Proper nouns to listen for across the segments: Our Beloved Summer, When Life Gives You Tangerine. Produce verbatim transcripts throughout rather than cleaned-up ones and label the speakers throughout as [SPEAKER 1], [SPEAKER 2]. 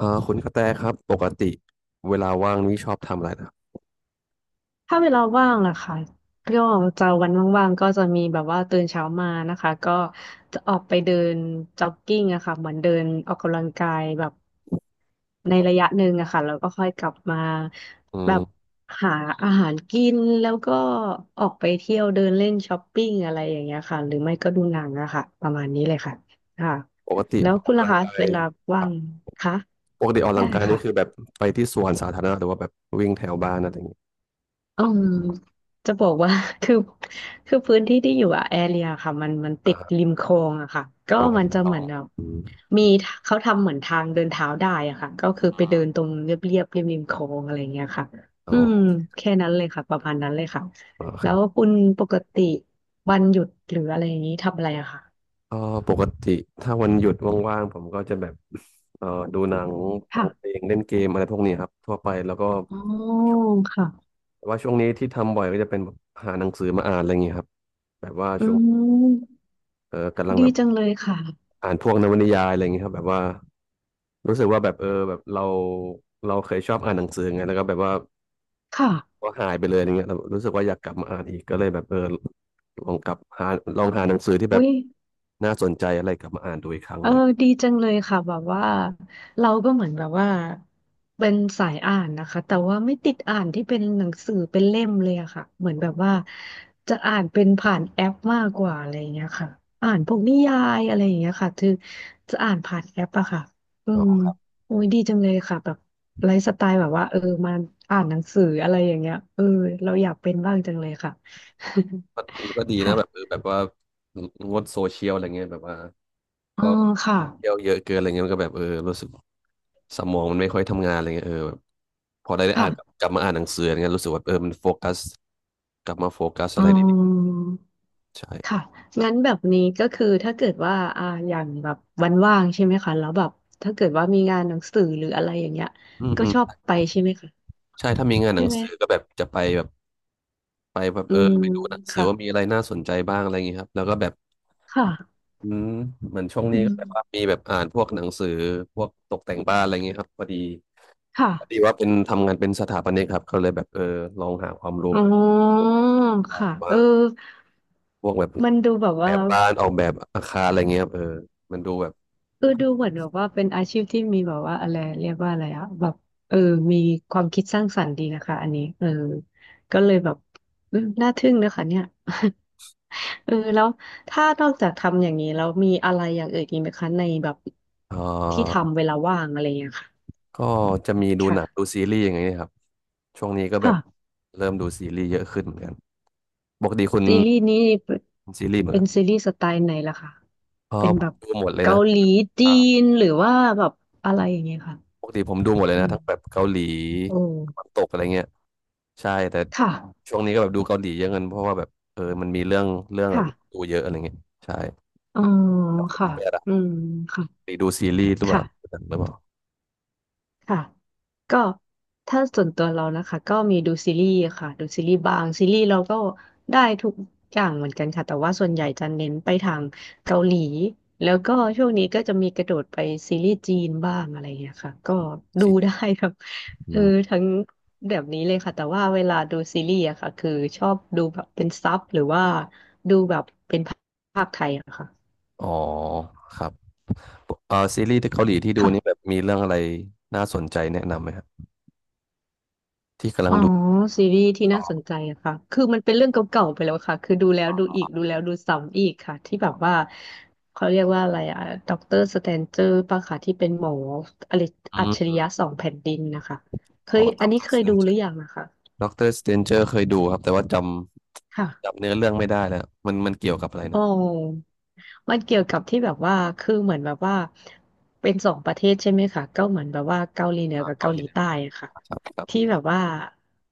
[SPEAKER 1] อ่าคุณกระแตครับปกติเวลาว่างนี่ชอบทำอะไรนะครับ
[SPEAKER 2] ถ้าเวลาว่างอะค่ะก็จะวันว่างๆก็จะมีแบบว่าตื่นเช้ามานะคะก็จะออกไปเดินจ็อกกิ้งอะค่ะเหมือนเดินออกกำลังกายแบบในระยะหนึ่งอะค่ะแล้วก็ค่อยกลับมา
[SPEAKER 1] อื
[SPEAKER 2] แบบ
[SPEAKER 1] ม
[SPEAKER 2] หาอาหารกินแล้วก็ออกไปเที่ยวเดินเล่นช้อปปิ้งอะไรอย่างเงี้ยค่ะหรือไม่ก็ดูหนังอะค่ะประมาณนี้เลยค่ะค่ะ
[SPEAKER 1] ปกติ
[SPEAKER 2] แล้ว
[SPEAKER 1] ออก
[SPEAKER 2] คุณ
[SPEAKER 1] กำ
[SPEAKER 2] ล่ะ
[SPEAKER 1] ลัง
[SPEAKER 2] คะ
[SPEAKER 1] กาย
[SPEAKER 2] เวลา
[SPEAKER 1] ค
[SPEAKER 2] ว่า
[SPEAKER 1] รับ
[SPEAKER 2] งคะ
[SPEAKER 1] ปกติออกกำลั
[SPEAKER 2] ได้
[SPEAKER 1] งกาย
[SPEAKER 2] ค่ะ
[SPEAKER 1] นี่คือแบบไปที่สวนสาธารณะหรือว่าแบบวิ่งแถวบ้านอะไรอย่างเงี้ย
[SPEAKER 2] อืมจะบอกว่า คือคือพื้นที่ที่อยู่อะแอเรียค่ะมันมันติ
[SPEAKER 1] อ่า
[SPEAKER 2] ด
[SPEAKER 1] ฮะ
[SPEAKER 2] ริมคลองอะค่ะก็
[SPEAKER 1] อ๋อ
[SPEAKER 2] มัน
[SPEAKER 1] ริม
[SPEAKER 2] จะ
[SPEAKER 1] คล
[SPEAKER 2] เห
[SPEAKER 1] อ
[SPEAKER 2] มือ
[SPEAKER 1] ง
[SPEAKER 2] นแบบ
[SPEAKER 1] อืม
[SPEAKER 2] มีเขาทำเหมือนทางเดินเท้าได้อะค่ะก็คือไปเดินตรงเรียบเรียบริมริมคลองอะไรเงี้ยค่ะ
[SPEAKER 1] อ๋
[SPEAKER 2] อื
[SPEAKER 1] อ
[SPEAKER 2] มแค่นั้นเลยค่ะประมาณนั้นเลยค่ะ
[SPEAKER 1] อ๋อค
[SPEAKER 2] แล้
[SPEAKER 1] รั
[SPEAKER 2] ว
[SPEAKER 1] บ
[SPEAKER 2] คุณปกติวันหยุดหรืออะไรอย่างนี้ทำอะไรอะค่ะ
[SPEAKER 1] เอ่อปกติถ้าวันหยุดว่างๆผมก็จะแบบเอ่อดูหนังฟั
[SPEAKER 2] ค่ะ
[SPEAKER 1] งเพลงเล่นเกมอะไรพวกนี้ครับทั่วไปแล้วก็
[SPEAKER 2] อ๋อค่ะ
[SPEAKER 1] แต่ว่าช่วงนี้ที่ทำบ่อยก็จะเป็นแบบหาหนังสือมาอ่านอะไรอย่างเงี้ยครับแบบว่า
[SPEAKER 2] อื
[SPEAKER 1] ช่วง
[SPEAKER 2] ม
[SPEAKER 1] เอ่อกำลัง
[SPEAKER 2] ดี
[SPEAKER 1] แบบ
[SPEAKER 2] จังเลยค่ะ
[SPEAKER 1] อ่านพวกนวนิยายอะไรอย่างเงี้ยครับแบบว่า รู้สึกว่าแบบเออแบบเราเราเคยชอบอ่านหนังสือไงแล้วก็แบบว่า
[SPEAKER 2] ค่ะ
[SPEAKER 1] ก็หายไปเลยอย่างเงี้ยแล้วรู้สึกว่าอยากกลับมาอ่านอีกก็เลยแบบเออลองกลับหาลองหาหนังสือที่แบ
[SPEAKER 2] อุ้
[SPEAKER 1] บ
[SPEAKER 2] ย
[SPEAKER 1] น่าสนใจอะไรกลับมาอ่านดูอีกครั้ง
[SPEAKER 2] เอ
[SPEAKER 1] อะ
[SPEAKER 2] อ
[SPEAKER 1] ไรอย่างเงี้ย
[SPEAKER 2] ดีจังเลยค่ะแบบว่าเราก็เหมือนแบบว่าเป็นสายอ่านนะคะแต่ว่าไม่ติดอ่านที่เป็นหนังสือเป็นเล่มเลยอะค่ะเหมือนแบบว่าจะอ่านเป็นผ่านแอปมากกว่าอะไรอย่างเงี้ยค่ะอ่านพวกนิยายอะไรอย่างเงี้ยค่ะคือจะอ่านผ่านแอปอะค่ะอื
[SPEAKER 1] อ๋
[SPEAKER 2] ม
[SPEAKER 1] อ
[SPEAKER 2] โอ้ยดีจังเลยค่ะแบบไลฟ์สไตล์แบบว่าเออมาอ่านหนังสืออะไรอย่างเงี้ยเออเราอยากเป็นบ้างจังเลยค่ะ
[SPEAKER 1] ก็ก็ดี นะ
[SPEAKER 2] ค่ะ
[SPEAKER 1] แบบเออแบบว่างดโซเชียลอะไรเงี้ยแบบว่า
[SPEAKER 2] อ๋อ
[SPEAKER 1] ก็
[SPEAKER 2] ค่ะ
[SPEAKER 1] เที่ยวเยอะเกินอะไรเงี้ยมันก็แบบเออรู้สึกสมองมันไม่ค่อยทำงานอะไรเงี้ยเออแบบพอได้ได้อ่านกลับ
[SPEAKER 2] ค่ะ
[SPEAKER 1] กลับมาอ่านหนังสืออะไรเงี้ยรู้สึกว่าเออมันโฟกัสกลับมาโฟกัสอะ
[SPEAKER 2] อ๋อ
[SPEAKER 1] ไรดีๆใช่
[SPEAKER 2] ค่ะงั้นแบบนี้ก็คือถ้าเกิดว่าอ่าอย่างแบบวันว่างใช่ไหมคะแล้วแบบถ้าเกิดว่ามีงานหนังสือหรืออะไรอย่างเงี้ย
[SPEAKER 1] อืม
[SPEAKER 2] ก็
[SPEAKER 1] อืม
[SPEAKER 2] ชอบไปใช่ไหมคะ
[SPEAKER 1] ใช่ถ้ามีงานห
[SPEAKER 2] ใช่
[SPEAKER 1] นัง
[SPEAKER 2] ไหม
[SPEAKER 1] สือก็แบบจะไปแบบไปแบบ
[SPEAKER 2] อื
[SPEAKER 1] เออ
[SPEAKER 2] ม
[SPEAKER 1] ไปดูหนังสือ
[SPEAKER 2] ค่ะ
[SPEAKER 1] ว่ามีอะไรน่าสนใจบ้างอะไรอย่างงี้ครับแล้วก็แบบ
[SPEAKER 2] ค่ะ
[SPEAKER 1] อืมเหมือนช่วง
[SPEAKER 2] อื
[SPEAKER 1] นี้ก็แบบว่า
[SPEAKER 2] ม
[SPEAKER 1] มีแบบอ่านพวกหนังสือพวกตกแต่งบ้านอะไรอย่างงี้ครับพอดี
[SPEAKER 2] ค่ะ
[SPEAKER 1] พอดีว่าเป็นทำงานเป็นสถาปนิกครับก็เลยแบบเออลองหาความรู้
[SPEAKER 2] อ๋อค่ะ
[SPEAKER 1] ว่า
[SPEAKER 2] เออ
[SPEAKER 1] พวกแบบ
[SPEAKER 2] มันดูแบบ
[SPEAKER 1] แบ
[SPEAKER 2] ว่า
[SPEAKER 1] บบ้านออกแบบอาคารอะไรเงี้ยครับเออมันดูแบบ
[SPEAKER 2] เออดูเหมือนแบบว่าเป็นอาชีพที่มีแบบว่าอะไรเรียกว่าอะไรอะแบบเออมีความคิดสร้างสรรค์ดีนะคะอันนี้เออก็เลยแบบอืมน่าทึ่งนะคะเนี่ย เออแล้วถ้านอกจากทำอย่างนี้แล้วมีอะไรอย่างอื่นอีกไหมคะในแบบ
[SPEAKER 1] เ
[SPEAKER 2] ที่
[SPEAKER 1] ออ
[SPEAKER 2] ทำเวลาว่างอะไรอย่างเงี้ยค่ะ
[SPEAKER 1] ก็จะมีดูหนังดู
[SPEAKER 2] ค่ะ
[SPEAKER 1] ซีรีส์อย่างเงี้ยครับช่วงนี้ก็แบบ
[SPEAKER 2] ค่ะ
[SPEAKER 1] เริ่มดูซีรีส์เยอะขึ้นเหมือนกันปกติคุณ
[SPEAKER 2] ซีรีส์นี้เป็น
[SPEAKER 1] ซีรีส์เหมือน
[SPEAKER 2] เป็
[SPEAKER 1] กั
[SPEAKER 2] น
[SPEAKER 1] น
[SPEAKER 2] ซีรีส์สไตล์ไหนล่ะคะ
[SPEAKER 1] พอ
[SPEAKER 2] เป็น
[SPEAKER 1] ผ
[SPEAKER 2] แบ
[SPEAKER 1] ม
[SPEAKER 2] บ
[SPEAKER 1] ดูหมดเลย
[SPEAKER 2] เกา
[SPEAKER 1] นะ
[SPEAKER 2] หลีจีนหรือว่าแบบอะไรอย่างเงี้ยค่ะ
[SPEAKER 1] ปกติผมดูหมดเลย
[SPEAKER 2] อื
[SPEAKER 1] นะ
[SPEAKER 2] ม
[SPEAKER 1] ทั้งแบบเกาหลี
[SPEAKER 2] โอ
[SPEAKER 1] ตะวั
[SPEAKER 2] ้
[SPEAKER 1] นตกอะไรเงี้ยใช่แต่
[SPEAKER 2] ค่ะ
[SPEAKER 1] ช่วงนี้ก็แบบดูเกาหลีเยอะเงินเพราะว่าแบบเออมันมีเรื่องเรื่องแบบ
[SPEAKER 2] ค่ะ
[SPEAKER 1] ดูเยอะอะไรเงี้ยใช่
[SPEAKER 2] อ๋อค่ะ
[SPEAKER 1] ไม่อะไร
[SPEAKER 2] อืมค่ะ
[SPEAKER 1] หรือดูซีรีส์หรือเปล่าหรื
[SPEAKER 2] ค่ะ
[SPEAKER 1] อเปล่า
[SPEAKER 2] ค่ะก็ถ้าส่วนตัวเรานะคะก็มีดูซีรีส์ค่ะดูซีรีส์บางซีรีส์เราก็ได้ทุกอย่างเหมือนกันค่ะแต่ว่าส่วนใหญ่จะเน้นไปทางเกาหลีแล้วก็ช่วงนี้ก็จะมีกระโดดไปซีรีส์จีนบ้างอะไรเงี้ยค่ะก็ดูได้
[SPEAKER 1] ซี
[SPEAKER 2] ครับ
[SPEAKER 1] อื
[SPEAKER 2] เออ
[SPEAKER 1] ม
[SPEAKER 2] ทั้งแบบนี้เลยค่ะแต่ว่าเวลาดูซีรีส์อะค่ะคือชอบดูแบบเป็นซับหรือว่าดูแบบเป็นภาคไทยอะค่ะ
[SPEAKER 1] อ๋อครับเออซีรีส์ที่เกาหลีที่ดูนี่แบ
[SPEAKER 2] ค่ะ
[SPEAKER 1] บมีเรื่องอะไรน่าสนใจแนะนำไหมครับที่กำลั
[SPEAKER 2] อ๋
[SPEAKER 1] ง
[SPEAKER 2] อ
[SPEAKER 1] ดู
[SPEAKER 2] ซีรีส์ที่
[SPEAKER 1] อ๋
[SPEAKER 2] น่า
[SPEAKER 1] อ
[SPEAKER 2] สนใจอะค่ะคือมันเป็นเรื่องเก่าๆไปแล้วค่ะคือดูแล้วดูอีกดูแล้วดูซ้ำอีกค่ะที่แบบว่าเขาเรียกว่าอะไรอะด็อกเตอร์สแตนเจอร์ป่ะค่ะที่เป็นหมออะไร
[SPEAKER 1] อื
[SPEAKER 2] อัจฉริ
[SPEAKER 1] ม
[SPEAKER 2] ยะสองแผ่นดินนะคะเค
[SPEAKER 1] อ๋อ
[SPEAKER 2] ย
[SPEAKER 1] ด็
[SPEAKER 2] อั
[SPEAKER 1] อ
[SPEAKER 2] น
[SPEAKER 1] ก
[SPEAKER 2] นี้
[SPEAKER 1] เตอ
[SPEAKER 2] เค
[SPEAKER 1] ร์ส
[SPEAKER 2] ย
[SPEAKER 1] เต
[SPEAKER 2] ดู
[SPEAKER 1] นเจ
[SPEAKER 2] ห
[SPEAKER 1] อ
[SPEAKER 2] รื
[SPEAKER 1] ร์
[SPEAKER 2] อยังนะคะ
[SPEAKER 1] ด็อกเตอร์สเตนเจอร์เคยดูครับแต่ว่าจำ
[SPEAKER 2] ค่ะ
[SPEAKER 1] จำเนื้อเรื่องไม่ได้แล้วมันมันเกี่ยวกับอะไร
[SPEAKER 2] อ๋อ
[SPEAKER 1] นะ
[SPEAKER 2] มันเกี่ยวกับที่แบบว่าคือเหมือนแบบว่าเป็นสองประเทศใช่ไหมคะก็เหมือนแบบว่าเกาหลีเหนือกับ
[SPEAKER 1] เกา
[SPEAKER 2] เกา
[SPEAKER 1] ห
[SPEAKER 2] ห
[SPEAKER 1] ลี
[SPEAKER 2] ลี
[SPEAKER 1] นะ
[SPEAKER 2] ใต้อะค่ะ
[SPEAKER 1] ครับครั
[SPEAKER 2] ที่
[SPEAKER 1] บ
[SPEAKER 2] แบบว่า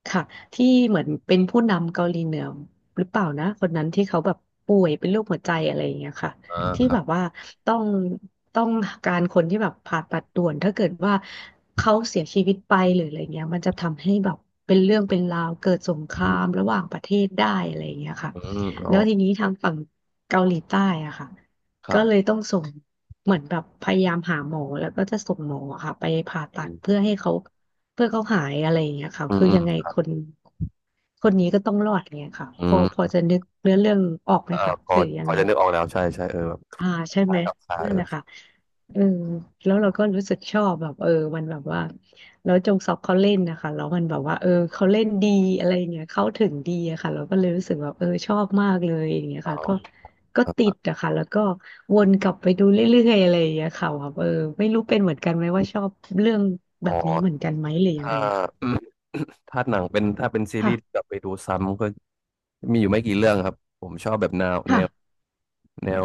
[SPEAKER 2] ค่ะที่เหมือนเป็นผู้นำเกาหลีเหนือหรือเปล่านะคนนั้นที่เขาแบบป่วยเป็นโรคหัวใจอะไรอย่างเงี้ยค่ะ
[SPEAKER 1] อ่า
[SPEAKER 2] ที่
[SPEAKER 1] ครั
[SPEAKER 2] แบ
[SPEAKER 1] บ
[SPEAKER 2] บว่าต้องต้องการคนที่แบบผ่าตัดด่วนถ้าเกิดว่าเขาเสียชีวิตไปหรืออะไรเงี้ยมันจะทำให้แบบเป็นเรื่องเป็นราวเกิดสงครา
[SPEAKER 1] อื
[SPEAKER 2] ม
[SPEAKER 1] ม
[SPEAKER 2] ระหว่างประเทศได้อะไรอย่างเงี้ยค่ะ
[SPEAKER 1] อืมอ๋อ
[SPEAKER 2] แล้วทีนี้ทางฝั่งเกาหลีใต้อะค่ะ
[SPEAKER 1] ครั
[SPEAKER 2] ก็เลย
[SPEAKER 1] บ
[SPEAKER 2] ต้องส่งเหมือนแบบพยายามหาหมอแล้วก็จะส่งหมอค่ะไปผ่า
[SPEAKER 1] อื
[SPEAKER 2] ตัด
[SPEAKER 1] ม
[SPEAKER 2] เพื่อให้เขาเพื่อเขาหายอะไรอย่างเงี้ยค่ะ
[SPEAKER 1] อืม
[SPEAKER 2] คือ
[SPEAKER 1] อืม
[SPEAKER 2] ยังไงคนคนนี้ก็ต้องรอดเนี่ยค่ะ
[SPEAKER 1] อื
[SPEAKER 2] พอพอ
[SPEAKER 1] ม
[SPEAKER 2] จะนึกเนื้อเรื่องออกไหม
[SPEAKER 1] อ่า
[SPEAKER 2] คะ
[SPEAKER 1] พอ
[SPEAKER 2] หรือยั
[SPEAKER 1] พ
[SPEAKER 2] ง
[SPEAKER 1] อ
[SPEAKER 2] ไง
[SPEAKER 1] จะนึกออกแล้วใช่ใช่เออแบบ
[SPEAKER 2] อ่าใช่
[SPEAKER 1] ค
[SPEAKER 2] ไห
[SPEAKER 1] ล้า
[SPEAKER 2] ม
[SPEAKER 1] ยกับคล้าย
[SPEAKER 2] นั่
[SPEAKER 1] เอ
[SPEAKER 2] นแห
[SPEAKER 1] อ
[SPEAKER 2] ละค่ะเออแล้วเราก็รู้สึกชอบแบบเออมันแบบว่าแล้วจงซอกเขาเล่นนะคะแล้วมันแบบว่าเออเขาเล่นดีอะไรอย่างเงี้ยเข้าถึงดีอะค่ะเราก็เลยรู้สึกแบบเออชอบมากเลยอย่างเงี้ยค่ะก็ก็
[SPEAKER 1] เช้า
[SPEAKER 2] ติ
[SPEAKER 1] อ่า
[SPEAKER 2] ดอะค่ะแล้วก็วนกลับไปดูเรื่อยๆอะไรอย่างเงี้ยค่ะแบบเออไม่รู้เป็นเหมือนกันไหมว่าชอบเรื่องแบ
[SPEAKER 1] อ๋อ
[SPEAKER 2] บนี้เหมือนกันไหมหรือยัง
[SPEAKER 1] ถ้า
[SPEAKER 2] ไงอะค่ะ
[SPEAKER 1] ถ้าหนังเป็นถ้าเป็นซีรีส์
[SPEAKER 2] ค่ะ
[SPEAKER 1] กลับไปดูซ้ำก็มีอยู่ไม่กี่เรื่องครับผมชอบแบบแนวแนว
[SPEAKER 2] ค่ะ
[SPEAKER 1] แนว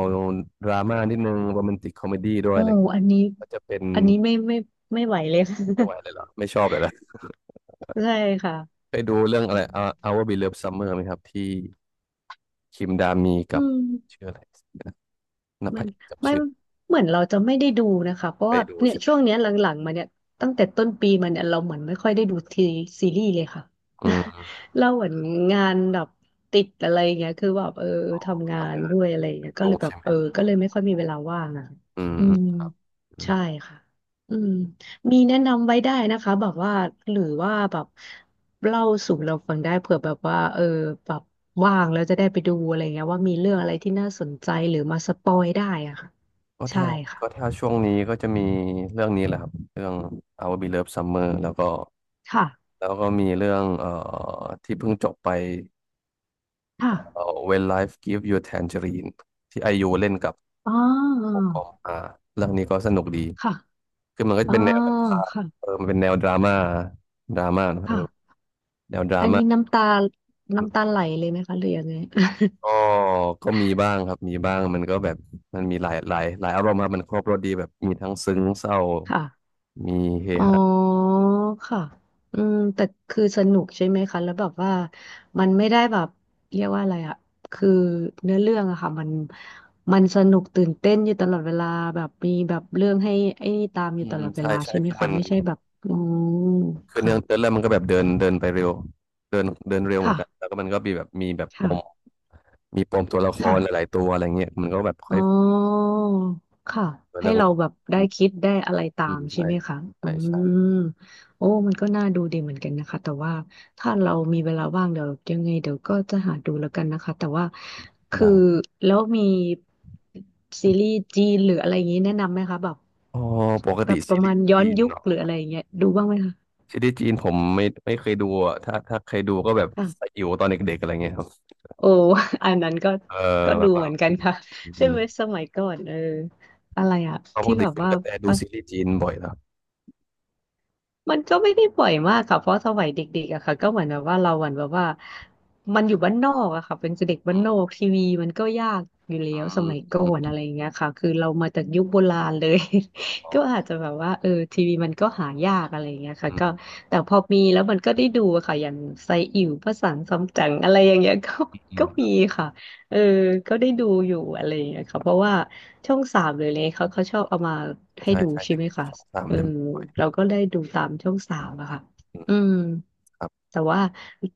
[SPEAKER 1] ดราม่านิดนึงโรแมนติกคอมเมดี้ด้วย
[SPEAKER 2] โอ้
[SPEAKER 1] อะไรเงี้ย
[SPEAKER 2] อันนี้
[SPEAKER 1] ก็จะเป็น
[SPEAKER 2] อันนี้ไม่ไม่ไม่ไหวเลย ค่ะ
[SPEAKER 1] ไม่ไหวเลยเหรอไม่ชอบเลยละ
[SPEAKER 2] ใช่ค่ะ
[SPEAKER 1] ไปดูเรื่องอะไร Our Our Beloved Summer ไหมครับที่คิมดามี
[SPEAKER 2] อื
[SPEAKER 1] กับ
[SPEAKER 2] ม
[SPEAKER 1] ชื่ออะไรนะน
[SPEAKER 2] มั
[SPEAKER 1] ภั
[SPEAKER 2] น
[SPEAKER 1] สกับ
[SPEAKER 2] ไม่
[SPEAKER 1] ชื่อ
[SPEAKER 2] เหมือนเราจะไม่ได้ดูนะคะเพราะ
[SPEAKER 1] ไป
[SPEAKER 2] ว่า
[SPEAKER 1] ดู
[SPEAKER 2] เนี่ย
[SPEAKER 1] ใช่ไหม
[SPEAKER 2] ช่วงเนี้ยหลังๆมาเนี่ยตั้งแต่ต้นปีมาเนี่ยเราเหมือนไม่ค่อยได้ดูทีซีรีส์เลยค่ะ
[SPEAKER 1] อืม
[SPEAKER 2] เราเหมือนงานแบบติดอะไรอย่างเงี้ยคือแบบเออทำงาน
[SPEAKER 1] ทำงาน
[SPEAKER 2] ด้วยอะไรอย่างเงี้ยก็
[SPEAKER 1] ดู
[SPEAKER 2] เลยแบบ
[SPEAKER 1] ใช่ไหม
[SPEAKER 2] เออก็เลยไม่ค่อยมีเวลาว่างอะ
[SPEAKER 1] อืม
[SPEAKER 2] อืม
[SPEAKER 1] อืม
[SPEAKER 2] ใช่ค่ะอืม มีแนะนำไว้ได้นะคะแบบว่าหรือว่าแบบเล่าสู่เราฟังได้เผื่อแบบว่าเออแบบว่างแล้วจะได้ไปดูอะไรเงี้ยว่ามีเรื่องอะไรที่น่าสนใจหรือมาสปอยได้อะค่ะ
[SPEAKER 1] ก็
[SPEAKER 2] ใช่
[SPEAKER 1] ถ้าก็
[SPEAKER 2] ค่ะ
[SPEAKER 1] ถ้าช่วงนี้ก็จะมีเรื่องนี้แหละครับเรื่อง Our Beloved Summer แล้วก็
[SPEAKER 2] ค่ะ
[SPEAKER 1] แล้วก็มีเรื่องเอ่อที่เพิ่งจบไป
[SPEAKER 2] ค่ะ
[SPEAKER 1] เอ่อ When Life Gives You Tangerine ที่ไอยูเล่นกับ
[SPEAKER 2] อ๋อ
[SPEAKER 1] โอกอมอาเรื่องนี้ก็สนุกดี
[SPEAKER 2] ค่ะ
[SPEAKER 1] คือมันก็
[SPEAKER 2] อ๋
[SPEAKER 1] จะ
[SPEAKER 2] อ
[SPEAKER 1] เป็นแนวแบบว่า
[SPEAKER 2] ค่ะ
[SPEAKER 1] เออมันเป็นแนวดราม่าดราม่าเนอะเออ
[SPEAKER 2] ค่ะ
[SPEAKER 1] แนวดรา
[SPEAKER 2] อันนี้
[SPEAKER 1] ม่า
[SPEAKER 2] น้ำตาน้ำตาไหลเลยไหมคะหรือยังไง
[SPEAKER 1] ก็ก็มีบ้างครับมีบ้างมันก็แบบมันมีหลายหลายหลายอารมณ์ครับมันครบรสดีแบบมีทั้งซึ้งเศร้า
[SPEAKER 2] ค่ะ
[SPEAKER 1] มีเฮ
[SPEAKER 2] อ๋อ
[SPEAKER 1] ฮา
[SPEAKER 2] ค่ะอืมแต่คือสนุกใช่ไหมคะแล้วแบบว่ามันไม่ได้แบบเรียกว่าอะไรอะคือเนื้อเรื่องอะค่ะมันมันสนุกตื่นเต้นอยู่ตลอดเวลาแบบมีแบบเรื่องให้ไอ้นี่ตามอ
[SPEAKER 1] อื
[SPEAKER 2] ยู่
[SPEAKER 1] ม
[SPEAKER 2] ต
[SPEAKER 1] อื
[SPEAKER 2] ล
[SPEAKER 1] ม
[SPEAKER 2] อดเว
[SPEAKER 1] ใช่
[SPEAKER 2] ลา
[SPEAKER 1] ใช่
[SPEAKER 2] ใช่ไหม
[SPEAKER 1] คือมั
[SPEAKER 2] คะ
[SPEAKER 1] น
[SPEAKER 2] ไม่ใช่แบบอืม
[SPEAKER 1] คือ
[SPEAKER 2] ค่ะ
[SPEAKER 1] เนื้อเนื่องเรื่อมันก็แบบเดินเดินไปเร็วเดินเดินเร็วเหมือน
[SPEAKER 2] ค่ะ
[SPEAKER 1] กันแล้วก็มันก็มีแบบมีแบบปม
[SPEAKER 2] ค่ะ
[SPEAKER 1] มีปมตัวละค
[SPEAKER 2] ค่ะ
[SPEAKER 1] รหลายๆตัวอะไรเงี้ยมันก็แบบค่
[SPEAKER 2] อ๋
[SPEAKER 1] อ
[SPEAKER 2] อ
[SPEAKER 1] ย
[SPEAKER 2] ค่ะให้
[SPEAKER 1] เรื่อง
[SPEAKER 2] เรา
[SPEAKER 1] แล้ว
[SPEAKER 2] แบบได้
[SPEAKER 1] อืม
[SPEAKER 2] คิดได้อะไรตา
[SPEAKER 1] อื
[SPEAKER 2] ม
[SPEAKER 1] ม
[SPEAKER 2] ใช่
[SPEAKER 1] ใช่
[SPEAKER 2] ไหมคะอื
[SPEAKER 1] ใช่ใช่
[SPEAKER 2] มโอ้มันก็น่าดูดีเหมือนกันนะคะ แต่ว่าถ้าเรามีเวลาว่างเดี๋ยวยังไงเดี๋ยวก็จะหาดูแล้วกันนะคะแต่ว่าคือ
[SPEAKER 1] ได้
[SPEAKER 2] แล้วมีซีรีส์จีนหรืออะไรอย่างนี้แนะนำไหมคะแบบ
[SPEAKER 1] อ๋อปก
[SPEAKER 2] แบ
[SPEAKER 1] ติ
[SPEAKER 2] บป
[SPEAKER 1] ซี
[SPEAKER 2] ระ
[SPEAKER 1] รี
[SPEAKER 2] มาณ
[SPEAKER 1] ส์
[SPEAKER 2] ย้อ
[SPEAKER 1] จี
[SPEAKER 2] น
[SPEAKER 1] น
[SPEAKER 2] ยุค
[SPEAKER 1] เนาะ
[SPEAKER 2] หรืออะไรอย่างเงี้ยดูบ้างไหมคะ
[SPEAKER 1] ซีรีส์จีนผมไม่ไม่เคยดูอะถ้าถ้าเคยดูก็แบบ
[SPEAKER 2] ค่ะ
[SPEAKER 1] สยิวตอนเด็กๆอะไรเงี้ยครับ
[SPEAKER 2] โอ้ อันนั้นก็
[SPEAKER 1] เออ
[SPEAKER 2] ก็
[SPEAKER 1] แบ
[SPEAKER 2] ดู
[SPEAKER 1] บว่า
[SPEAKER 2] เหมือนกันค่ะ
[SPEAKER 1] อื
[SPEAKER 2] ใช่
[SPEAKER 1] ม
[SPEAKER 2] ไหมสมัยก่อนเอออะไรอะ
[SPEAKER 1] เพราะป
[SPEAKER 2] ที่
[SPEAKER 1] กติ
[SPEAKER 2] แบบ
[SPEAKER 1] คุณ
[SPEAKER 2] ว่า
[SPEAKER 1] กระแตดูซีรีส์จีนบ่อยเหรอ
[SPEAKER 2] มันก็ไม่ได้บ่อยมากค่ะเพราะสมัยเด็กๆอะค่ะก็เหมือนแบบว่าเราเหมือนแบบว่ามันอยู่บ้านนอกอะค่ะเป็นเด็กบ้า
[SPEAKER 1] อื
[SPEAKER 2] นนอ
[SPEAKER 1] ม
[SPEAKER 2] กทีวีมันก็ยากอยู่แล้
[SPEAKER 1] อื
[SPEAKER 2] วส
[SPEAKER 1] ม
[SPEAKER 2] มัยก่
[SPEAKER 1] อื
[SPEAKER 2] อน
[SPEAKER 1] ม
[SPEAKER 2] อะไรอย่างเงี้ยค่ะคือเรามาจากยุคโบราณเลย
[SPEAKER 1] อ๋อ
[SPEAKER 2] ก็อาจจะแบบว่าเออทีวีมันก็หายากอะไรอย่างเงี้ยค่ะ
[SPEAKER 1] อื
[SPEAKER 2] ก็
[SPEAKER 1] ม
[SPEAKER 2] แต่พอมีแล้วมันก็ได้ดูอะค่ะอย่างไซอิ๋วพระสังสำจั๋งอะไรอย่างเงี้ย ก็
[SPEAKER 1] อื
[SPEAKER 2] ก็มี
[SPEAKER 1] ม
[SPEAKER 2] ค่ะเออก็ได้ดูอยู่อะไรอย่างเงี้ยค่ะเพราะว่าช่องสามเลยเลยเขาเขาชอบเอามาให้
[SPEAKER 1] ใช่
[SPEAKER 2] ดู
[SPEAKER 1] ใช่
[SPEAKER 2] ใช่ไหม
[SPEAKER 1] เด็ก
[SPEAKER 2] คะ
[SPEAKER 1] ๆช่องสาม
[SPEAKER 2] เออ
[SPEAKER 1] จะมีบ่อ
[SPEAKER 2] เรา
[SPEAKER 1] ย
[SPEAKER 2] ก็ได้ดูตามช่องสามอะค่ะ
[SPEAKER 1] อืม
[SPEAKER 2] อืมแต่ว่า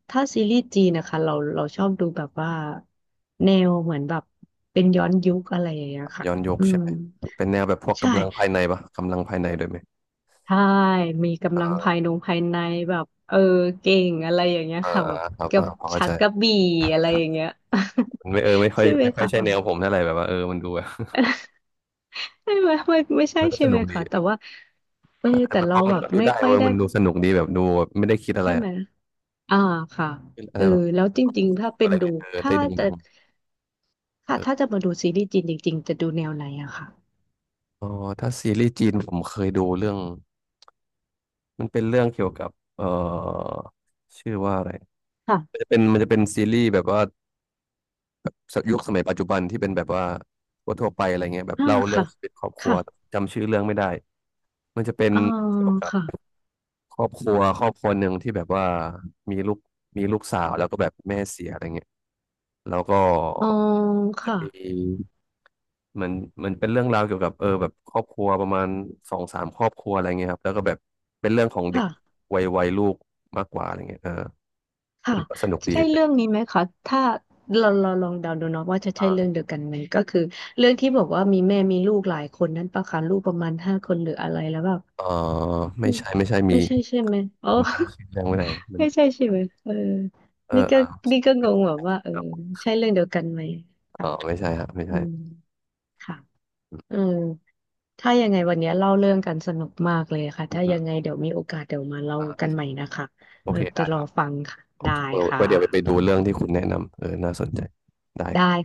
[SPEAKER 2] ถ้าซีรีส์จีนนะคะเราเราชอบดูแบบว่าแนวเหมือนแบบเป็นย้อนยุคอะไรอย่างเงี้ยค่ะ
[SPEAKER 1] ย้อนยุค
[SPEAKER 2] อื
[SPEAKER 1] ใช่
[SPEAKER 2] ม
[SPEAKER 1] ไหมเป็นแนวแบบพวก
[SPEAKER 2] ใช่
[SPEAKER 1] กำลังภายในปะกำลังภายในด้วยไหม
[SPEAKER 2] ใช่มีกำลังภา
[SPEAKER 1] อ่า
[SPEAKER 2] ยนงภายในแบบเออเก่งอะไรอย่างเงี้ย
[SPEAKER 1] อ่า
[SPEAKER 2] ค่ะ
[SPEAKER 1] อ่า
[SPEAKER 2] แบบ
[SPEAKER 1] ครับ
[SPEAKER 2] กั
[SPEAKER 1] อ่า
[SPEAKER 2] บ
[SPEAKER 1] พอเข้า
[SPEAKER 2] ชั
[SPEAKER 1] ใจ
[SPEAKER 2] กกระบี่อะไรอย่างเงี้ย
[SPEAKER 1] มันไม่เออไม่ ค่อย
[SPEAKER 2] ใช่ไหม
[SPEAKER 1] ไม่ค่อย
[SPEAKER 2] คะ
[SPEAKER 1] ใช่
[SPEAKER 2] แบ
[SPEAKER 1] แน
[SPEAKER 2] บ
[SPEAKER 1] วผมเท่าไหร่แบบว่าเออมันดูแบบ
[SPEAKER 2] ไม่ไม่ไม่ไม่ ใช่
[SPEAKER 1] มันก็
[SPEAKER 2] ใช่
[SPEAKER 1] ส
[SPEAKER 2] ไห
[SPEAKER 1] นุ
[SPEAKER 2] ม
[SPEAKER 1] กดี
[SPEAKER 2] คะแต่
[SPEAKER 1] แต่
[SPEAKER 2] ว่าเออ
[SPEAKER 1] แต่
[SPEAKER 2] แต่
[SPEAKER 1] มันพ
[SPEAKER 2] เรา
[SPEAKER 1] อมั
[SPEAKER 2] แบ
[SPEAKER 1] น
[SPEAKER 2] บ
[SPEAKER 1] ก็ดู
[SPEAKER 2] ไม่
[SPEAKER 1] ได้
[SPEAKER 2] ค่อย
[SPEAKER 1] เว้ย
[SPEAKER 2] ได้
[SPEAKER 1] มันดูสนุกดีแบบดูแบบไม่ได้คิดอะไร
[SPEAKER 2] ใช่
[SPEAKER 1] อะ
[SPEAKER 2] ไหม อ่าค่ะ
[SPEAKER 1] อะ
[SPEAKER 2] เอ
[SPEAKER 1] ไร
[SPEAKER 2] อ
[SPEAKER 1] แบบ
[SPEAKER 2] แล้วจริงๆถ้าเป็
[SPEAKER 1] อะ
[SPEAKER 2] น
[SPEAKER 1] ไร
[SPEAKER 2] ดู
[SPEAKER 1] เงี้ยเออ
[SPEAKER 2] ถ้า
[SPEAKER 1] ได้ดั
[SPEAKER 2] จะ
[SPEAKER 1] งๆ
[SPEAKER 2] ค่ะ
[SPEAKER 1] เออ
[SPEAKER 2] ถ้าจะมาดูซีรีส์จีนจริงๆจะดูแนวไหนอะค่ะ
[SPEAKER 1] อ๋อถ้าซีรีส์จีนผมเคยดูเรื่องมันเป็นเรื่องเกี่ยวกับเอ่อชื่อว่าอะไรมัน
[SPEAKER 2] ค่ะ
[SPEAKER 1] จะเป็นมันจะเป็นซีรีส์แบบว่ายุคสมัยปัจจุบันที่เป็นแบบว่าทั่วๆไปอะไรเงี้ยแบบ
[SPEAKER 2] อ่า
[SPEAKER 1] เล่าเรื่อง
[SPEAKER 2] ค่ะ
[SPEAKER 1] ชีวิตครอบครัว
[SPEAKER 2] ค่ะ
[SPEAKER 1] จำชื่อเรื่องไม่ได้ มันจะเป็น
[SPEAKER 2] อ๋อ
[SPEAKER 1] เกี่ยวกั
[SPEAKER 2] ค่ะ
[SPEAKER 1] บครอบครัวครอบครัวหนึ่งที่แบบว่ามีลูกมีลูกสาวแล้วก็แบบแม่เสียอะไรเงี้ยแล้วก็
[SPEAKER 2] อ๋อ
[SPEAKER 1] จะ
[SPEAKER 2] ค่ะ
[SPEAKER 1] มีเหมันเหมันเป็นเรื่องราวเกี่ยวกับเออแบบครอบครัวประมาณสองสามครอบครัวอะไรเงี้ยครับแล้วก็แบบเป็นเรื่องของเด็ก
[SPEAKER 2] ค่ะ
[SPEAKER 1] วัยวัยลูกมากกว่าอะไรเงี้ยเออ
[SPEAKER 2] ค่ะ
[SPEAKER 1] มันก็สนุก
[SPEAKER 2] จะ
[SPEAKER 1] ดี
[SPEAKER 2] ใช่เรื่องนี้ไหมคะถ้าเราเราลองเดาดูเนาะว่าจะใช่เรื่อง
[SPEAKER 1] อ่า
[SPEAKER 2] เดียวกันไหมก็คือเรื่องที่บอกว่ามีแม่มีลูกหลายคนนั้นปะคะลูกประมาณห้าคนหรืออะไรแล้วแบบ
[SPEAKER 1] เออ
[SPEAKER 2] อื
[SPEAKER 1] ไม่
[SPEAKER 2] ม
[SPEAKER 1] ใช่ไม่ใช่
[SPEAKER 2] ไม่
[SPEAKER 1] มี
[SPEAKER 2] ใช่ใช่ไหมอ๋อ
[SPEAKER 1] ผมจำชื่อเรื่องไม่ได้มัน
[SPEAKER 2] ไม่ใช่ใช่ไหมเออ
[SPEAKER 1] เออ
[SPEAKER 2] นี่
[SPEAKER 1] เอ
[SPEAKER 2] ก็
[SPEAKER 1] อ
[SPEAKER 2] นี่ก็งงแบบว่าเออใช่เรื่องเดียวกันไหม
[SPEAKER 1] อ๋
[SPEAKER 2] ค่ะ
[SPEAKER 1] อไม่ใช่ฮะไม่
[SPEAKER 2] อื
[SPEAKER 1] ใช่
[SPEAKER 2] มค่ะ
[SPEAKER 1] อื
[SPEAKER 2] เอ
[SPEAKER 1] ม
[SPEAKER 2] อถ้ายังไงวันนี้เล่าเรื่องกันสนุกมากเลยค่ะ
[SPEAKER 1] อืม
[SPEAKER 2] ถ้า
[SPEAKER 1] อื
[SPEAKER 2] ยั
[SPEAKER 1] ม
[SPEAKER 2] งไงเดี๋ยวมีโอกาสเดี๋ยวมาเล่า
[SPEAKER 1] อ่า
[SPEAKER 2] กันใหม่นะคะ
[SPEAKER 1] โอ
[SPEAKER 2] เรา
[SPEAKER 1] เค
[SPEAKER 2] จะ
[SPEAKER 1] ได้
[SPEAKER 2] ร
[SPEAKER 1] ค
[SPEAKER 2] อ
[SPEAKER 1] รับ
[SPEAKER 2] ฟังค่ะได้ค่ะ
[SPEAKER 1] ไว้เดี๋ยวไปไปดูเรื่องที่คุณแนะนำเออน่าสนใจได้ครั
[SPEAKER 2] ได้
[SPEAKER 1] บ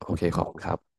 [SPEAKER 1] โอเคขอบคุณครับ